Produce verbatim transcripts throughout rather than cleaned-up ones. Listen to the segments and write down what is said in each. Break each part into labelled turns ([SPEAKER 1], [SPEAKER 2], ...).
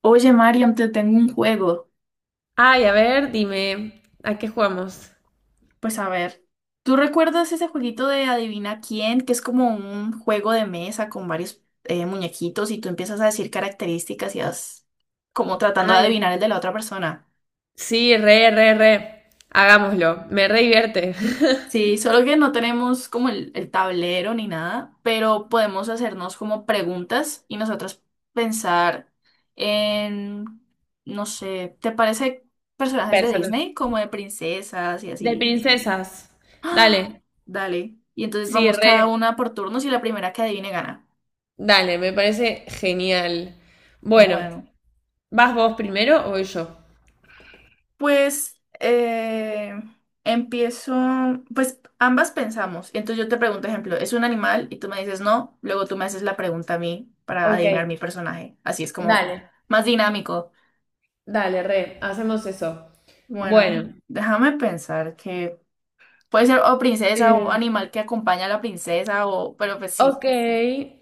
[SPEAKER 1] Oye, Mariam, te tengo un juego.
[SPEAKER 2] Ay, a ver, dime, ¿a qué jugamos?
[SPEAKER 1] Pues a ver, ¿tú recuerdas ese jueguito de Adivina quién? Que es como un juego de mesa con varios eh, muñequitos y tú empiezas a decir características y vas como tratando de
[SPEAKER 2] Ay,
[SPEAKER 1] adivinar el de la otra persona.
[SPEAKER 2] sí, re, re, re. Hagámoslo. Me re divierte.
[SPEAKER 1] Sí, solo que no tenemos como el, el tablero ni nada, pero podemos hacernos como preguntas y nosotros pensar en, no sé, ¿te parece personajes de
[SPEAKER 2] Personas.
[SPEAKER 1] Disney como de princesas y
[SPEAKER 2] De
[SPEAKER 1] así?
[SPEAKER 2] princesas.
[SPEAKER 1] ¡Ah!
[SPEAKER 2] Dale.
[SPEAKER 1] Dale. Y entonces
[SPEAKER 2] Sí,
[SPEAKER 1] vamos cada
[SPEAKER 2] re.
[SPEAKER 1] una por turnos y la primera que adivine gana.
[SPEAKER 2] Dale, me parece genial. Bueno,
[SPEAKER 1] Bueno,
[SPEAKER 2] ¿vas vos primero o voy yo?
[SPEAKER 1] pues eh, empiezo, pues ambas pensamos. Entonces yo te pregunto, ejemplo, ¿es un animal? Y tú me dices no, luego tú me haces la pregunta a mí para
[SPEAKER 2] Ok,
[SPEAKER 1] adivinar mi personaje. Así es como
[SPEAKER 2] dale.
[SPEAKER 1] más dinámico.
[SPEAKER 2] Dale, re. Hacemos eso.
[SPEAKER 1] Bueno,
[SPEAKER 2] Bueno.
[SPEAKER 1] déjame pensar que puede ser o princesa o animal que acompaña a la princesa o, pero pues
[SPEAKER 2] Ok,
[SPEAKER 1] sí,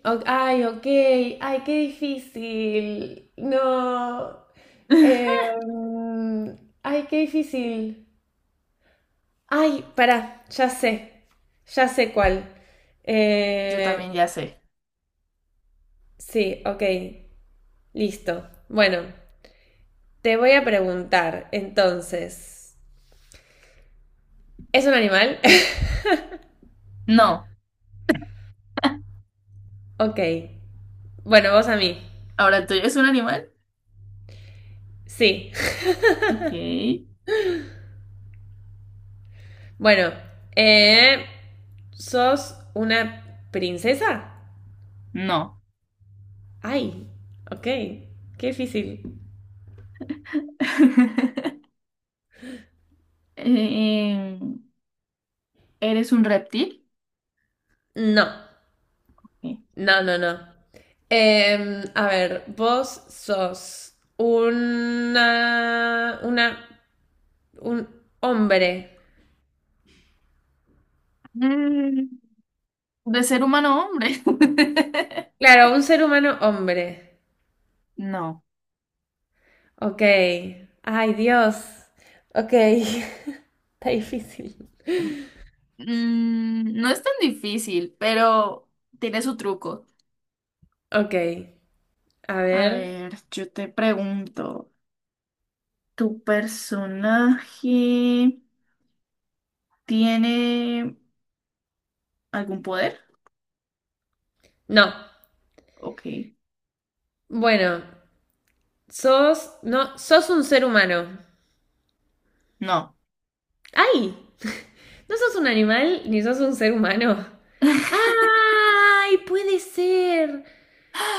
[SPEAKER 2] ok, ay, ok, ay, qué difícil. No, eh, mm, ay, qué difícil. Ay, pará, ya sé, ya sé cuál.
[SPEAKER 1] yo también
[SPEAKER 2] Eh,
[SPEAKER 1] ya sé.
[SPEAKER 2] sí, ok, listo. Bueno, te voy a preguntar, entonces, ¿es un animal?
[SPEAKER 1] No,
[SPEAKER 2] Ok, bueno, vos a mí.
[SPEAKER 1] ahora tú, ¿es un animal?
[SPEAKER 2] Sí,
[SPEAKER 1] Ok.
[SPEAKER 2] bueno, eh, ¿sos una princesa?
[SPEAKER 1] No.
[SPEAKER 2] Ay, ok, qué difícil.
[SPEAKER 1] Eh, ¿eres un reptil?
[SPEAKER 2] No,
[SPEAKER 1] Sí.
[SPEAKER 2] no, no, no. Em, a ver, vos sos una, una, un hombre.
[SPEAKER 1] Mm, ¿de ser humano, hombre?
[SPEAKER 2] Claro, un ser humano hombre.
[SPEAKER 1] No.
[SPEAKER 2] Ok. Ay, Dios. Ok. Está difícil.
[SPEAKER 1] Mm, no es tan difícil, pero tiene su truco.
[SPEAKER 2] Ok, a
[SPEAKER 1] A
[SPEAKER 2] ver.
[SPEAKER 1] ver, yo te pregunto, ¿tu personaje tiene algún poder?
[SPEAKER 2] No.
[SPEAKER 1] Ok.
[SPEAKER 2] Bueno, sos, no, sos un ser humano.
[SPEAKER 1] No.
[SPEAKER 2] Ay, no sos un animal ni sos un ser humano. ¡Ay! Puede ser.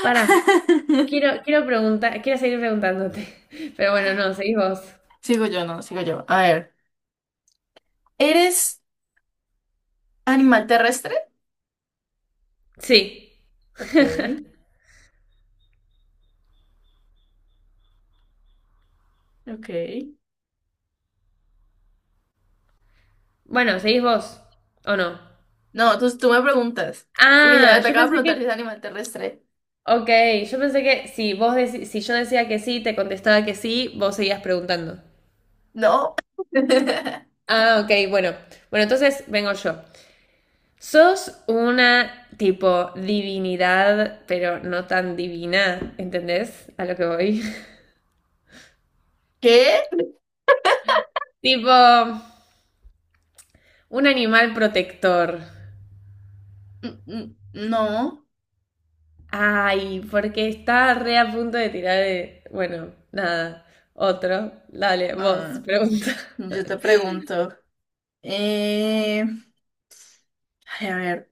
[SPEAKER 2] Pará, quiero, quiero preguntar, quiero seguir preguntándote. Pero bueno, no, seguís vos.
[SPEAKER 1] Sigo yo, no, sigo yo. A ver. ¿Eres animal terrestre?
[SPEAKER 2] Sí.
[SPEAKER 1] Ok. Ok.
[SPEAKER 2] Bueno, seguís vos. ¿O no?
[SPEAKER 1] No, entonces tú me preguntas. Porque
[SPEAKER 2] Ah,
[SPEAKER 1] ya te
[SPEAKER 2] yo
[SPEAKER 1] acabo de
[SPEAKER 2] pensé
[SPEAKER 1] preguntar si es
[SPEAKER 2] que.
[SPEAKER 1] animal terrestre.
[SPEAKER 2] Ok, yo pensé que si vos deci- si yo decía que sí, te contestaba que sí, vos seguías preguntando.
[SPEAKER 1] No.
[SPEAKER 2] Ah, ok, bueno. Bueno, entonces vengo yo. Sos una tipo divinidad, pero no tan divina, ¿entendés? A lo que voy.
[SPEAKER 1] ¿Qué?
[SPEAKER 2] Tipo. Un animal protector.
[SPEAKER 1] N- n- No.
[SPEAKER 2] Ay, porque está re a punto de tirar de... Bueno, nada. Otro. Dale, vos,
[SPEAKER 1] Ah,
[SPEAKER 2] pregunta.
[SPEAKER 1] yo te pregunto. Eh, ay, a ver.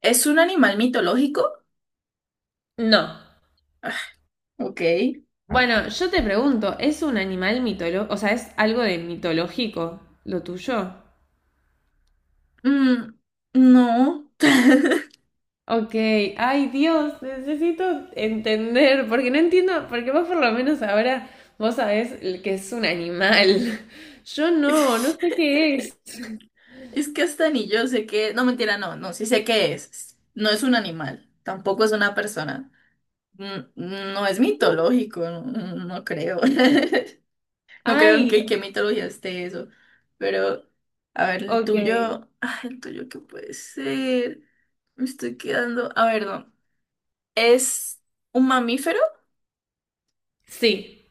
[SPEAKER 1] ¿Es un animal mitológico?
[SPEAKER 2] No.
[SPEAKER 1] Ok.
[SPEAKER 2] Bueno, yo te pregunto, ¿es un animal mitológico? O sea, ¿es algo de mitológico lo tuyo?
[SPEAKER 1] Mm, no.
[SPEAKER 2] Ok, ay Dios, necesito entender, porque no entiendo, porque vos por lo menos ahora vos sabés el que es un animal. Yo no, no sé qué es.
[SPEAKER 1] Es que hasta ni yo sé que... No, mentira, no, no, sí sé qué es. No es un animal, tampoco es una persona. Mm, no es mitológico, no, no no creo. No creo en
[SPEAKER 2] Ay,
[SPEAKER 1] que, qué mitología esté eso. Pero, a ver, el
[SPEAKER 2] ok.
[SPEAKER 1] tuyo. Ay, el tuyo, ¿qué puede ser? Me estoy quedando. A ver, no. ¿Es un mamífero?
[SPEAKER 2] Sí.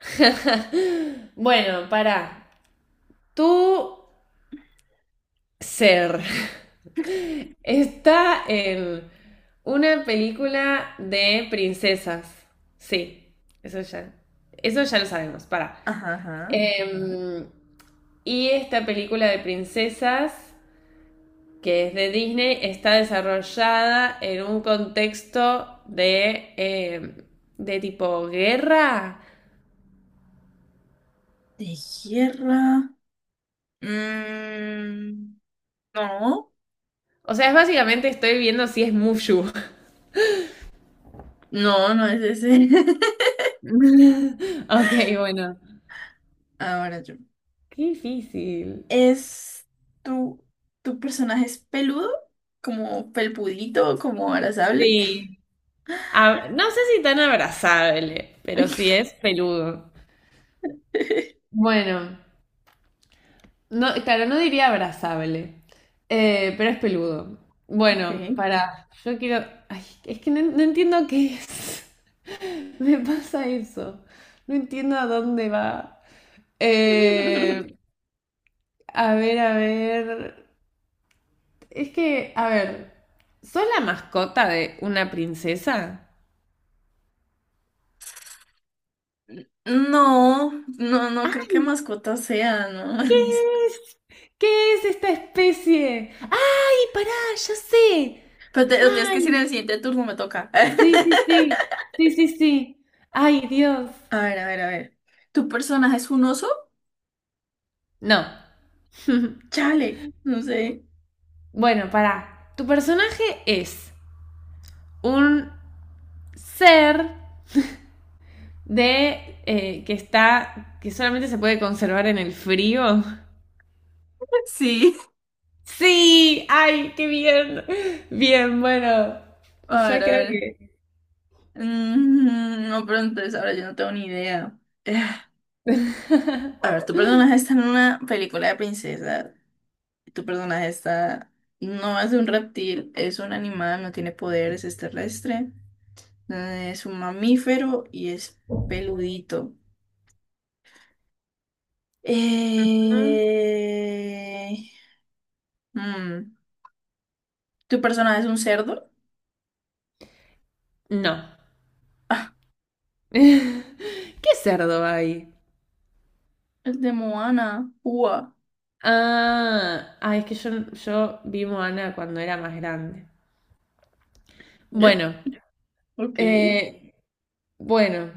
[SPEAKER 2] Bueno, pará. Tu ser está en una película de princesas. Sí, eso ya. Eso ya lo sabemos, pará.
[SPEAKER 1] Ajá, ajá.
[SPEAKER 2] Em, y esta película de princesas, que es de Disney, está desarrollada en un contexto de, em, de tipo guerra.
[SPEAKER 1] ¿De tierra? Mm, no.
[SPEAKER 2] O sea, es básicamente estoy viendo si es Mushu.
[SPEAKER 1] No, no es ese.
[SPEAKER 2] Ok, bueno.
[SPEAKER 1] Ahora yo.
[SPEAKER 2] Qué difícil.
[SPEAKER 1] ¿Es tu, tu personaje es peludo? ¿Como pelpudito? ¿Como abrazable?
[SPEAKER 2] Sí. Ab- no sé si tan abrazable, pero sí es peludo. Bueno, no, claro, no diría abrazable, eh, pero es peludo. Bueno,
[SPEAKER 1] Ok.
[SPEAKER 2] para, yo quiero, ay, es que no, no entiendo qué es. Me pasa eso. No entiendo a dónde va. Eh, a ver, a ver. Es que, a ver, ¿sos la mascota de una princesa?
[SPEAKER 1] No, no, no creo que mascota sea, ¿no?
[SPEAKER 2] ¿Qué es? ¿Qué es esta especie? ¡Ay, pará! ¡Ya sé!
[SPEAKER 1] Pero te, lo tienes que decir en
[SPEAKER 2] ¡Ay!
[SPEAKER 1] el siguiente turno, me toca.
[SPEAKER 2] Sí, sí, sí. Sí, sí, sí. ¡Ay, Dios!
[SPEAKER 1] A ver, a ver, a ver. ¿Tu personaje es un oso?
[SPEAKER 2] No.
[SPEAKER 1] Chale, no sé.
[SPEAKER 2] Bueno, pará. Tu personaje es un ser de eh, que está. Que solamente se puede conservar en el frío.
[SPEAKER 1] Sí.
[SPEAKER 2] ¡Sí! ¡Ay, qué bien! Bien, bueno.
[SPEAKER 1] A ver,
[SPEAKER 2] Ya
[SPEAKER 1] a
[SPEAKER 2] creo
[SPEAKER 1] ver.
[SPEAKER 2] que.
[SPEAKER 1] Mm, no, pero entonces ahora yo no tengo ni idea. Eh, A ver, tu personaje está en una película de princesa. Tu personaje está... No es un reptil, es un animal, no tiene poderes, es terrestre. eh, Es un mamífero y es peludito. Eh, mm, ¿tu personaje es un cerdo?
[SPEAKER 2] No.
[SPEAKER 1] Ah,
[SPEAKER 2] ¿Qué cerdo hay?
[SPEAKER 1] es de Moana. Ua.
[SPEAKER 2] Ah, ah, es que yo, yo vi Moana cuando era más grande.
[SPEAKER 1] Ye-
[SPEAKER 2] Bueno,
[SPEAKER 1] Ok.
[SPEAKER 2] eh, bueno,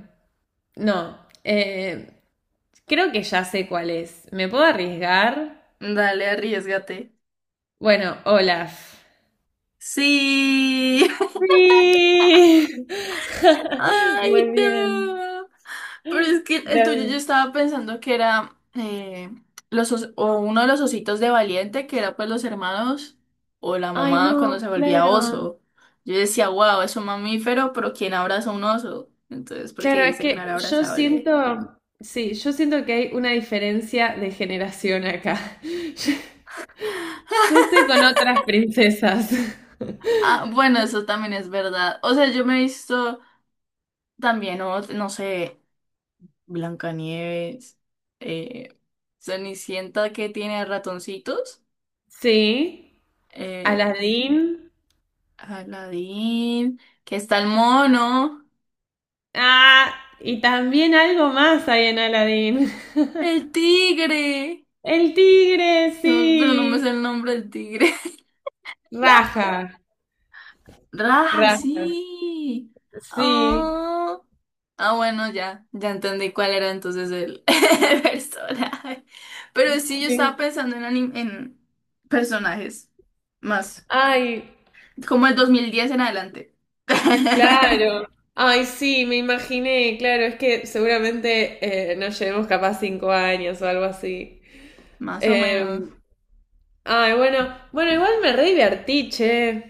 [SPEAKER 2] no, eh, creo que ya sé cuál es. ¿Me puedo arriesgar?
[SPEAKER 1] Dale, arriesgate.
[SPEAKER 2] Bueno, Olaf.
[SPEAKER 1] Sí.
[SPEAKER 2] Sí.
[SPEAKER 1] Ay,
[SPEAKER 2] Muy bien.
[SPEAKER 1] no. Pero es que el tuyo yo
[SPEAKER 2] Dame-
[SPEAKER 1] estaba pensando que era eh, los os- o uno de los ositos de Valiente, que era pues los hermanos o la
[SPEAKER 2] Ay,
[SPEAKER 1] mamá cuando se
[SPEAKER 2] no,
[SPEAKER 1] volvía
[SPEAKER 2] claro.
[SPEAKER 1] oso. Yo decía, wow, es un mamífero, pero ¿quién abraza un oso? Entonces, porque
[SPEAKER 2] Claro, es
[SPEAKER 1] dice que no
[SPEAKER 2] que
[SPEAKER 1] era
[SPEAKER 2] yo siento,
[SPEAKER 1] abrazable.
[SPEAKER 2] sí, yo siento que hay una diferencia de generación acá. Yo, yo estoy con otras princesas.
[SPEAKER 1] Ah, bueno, eso también es verdad. O sea, yo me he visto también, o- no sé, Blancanieves, eh, Cenicienta que tiene ratoncitos,
[SPEAKER 2] Sí,
[SPEAKER 1] eh,
[SPEAKER 2] Aladín.
[SPEAKER 1] Aladín, que está el mono,
[SPEAKER 2] Ah, y también algo más hay en Aladín.
[SPEAKER 1] el tigre.
[SPEAKER 2] El tigre,
[SPEAKER 1] Se me- pero no me
[SPEAKER 2] sí.
[SPEAKER 1] sé el nombre del tigre. No.
[SPEAKER 2] Raja,
[SPEAKER 1] Raja,
[SPEAKER 2] raja.
[SPEAKER 1] sí.
[SPEAKER 2] Sí,
[SPEAKER 1] Ah, ah, bueno, ya, ya entendí cuál era entonces el, el personaje. Pero sí, yo estaba
[SPEAKER 2] sí.
[SPEAKER 1] pensando en, anim- en personajes más,
[SPEAKER 2] Ay,
[SPEAKER 1] como el dos mil diez en adelante.
[SPEAKER 2] claro. Ay, sí, me imaginé, claro, es que seguramente eh, nos llevemos capaz cinco años o algo así.
[SPEAKER 1] Más o menos.
[SPEAKER 2] Eh, ay, bueno, bueno, igual me re divertí, che.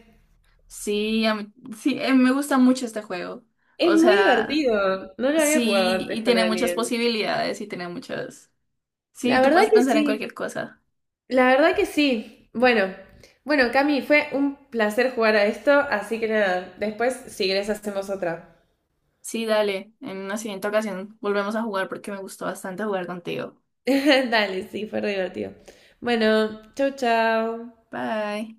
[SPEAKER 1] Sí, a mí- sí, eh, me gusta mucho este juego.
[SPEAKER 2] Es
[SPEAKER 1] O
[SPEAKER 2] muy
[SPEAKER 1] sea,
[SPEAKER 2] divertido. No lo había jugado
[SPEAKER 1] sí,
[SPEAKER 2] antes
[SPEAKER 1] y
[SPEAKER 2] con
[SPEAKER 1] tiene muchas
[SPEAKER 2] alguien.
[SPEAKER 1] posibilidades y tiene muchas... Sí,
[SPEAKER 2] La
[SPEAKER 1] tú
[SPEAKER 2] verdad
[SPEAKER 1] puedes
[SPEAKER 2] que
[SPEAKER 1] pensar en
[SPEAKER 2] sí,
[SPEAKER 1] cualquier cosa.
[SPEAKER 2] la verdad que sí. Bueno, bueno, Cami, fue un placer jugar a esto, así que nada, después si querés hacemos otra.
[SPEAKER 1] Sí, dale. En una siguiente ocasión volvemos a jugar porque me gustó bastante jugar contigo.
[SPEAKER 2] Dale, sí, fue re divertido. Bueno, chau, chau.
[SPEAKER 1] Bye.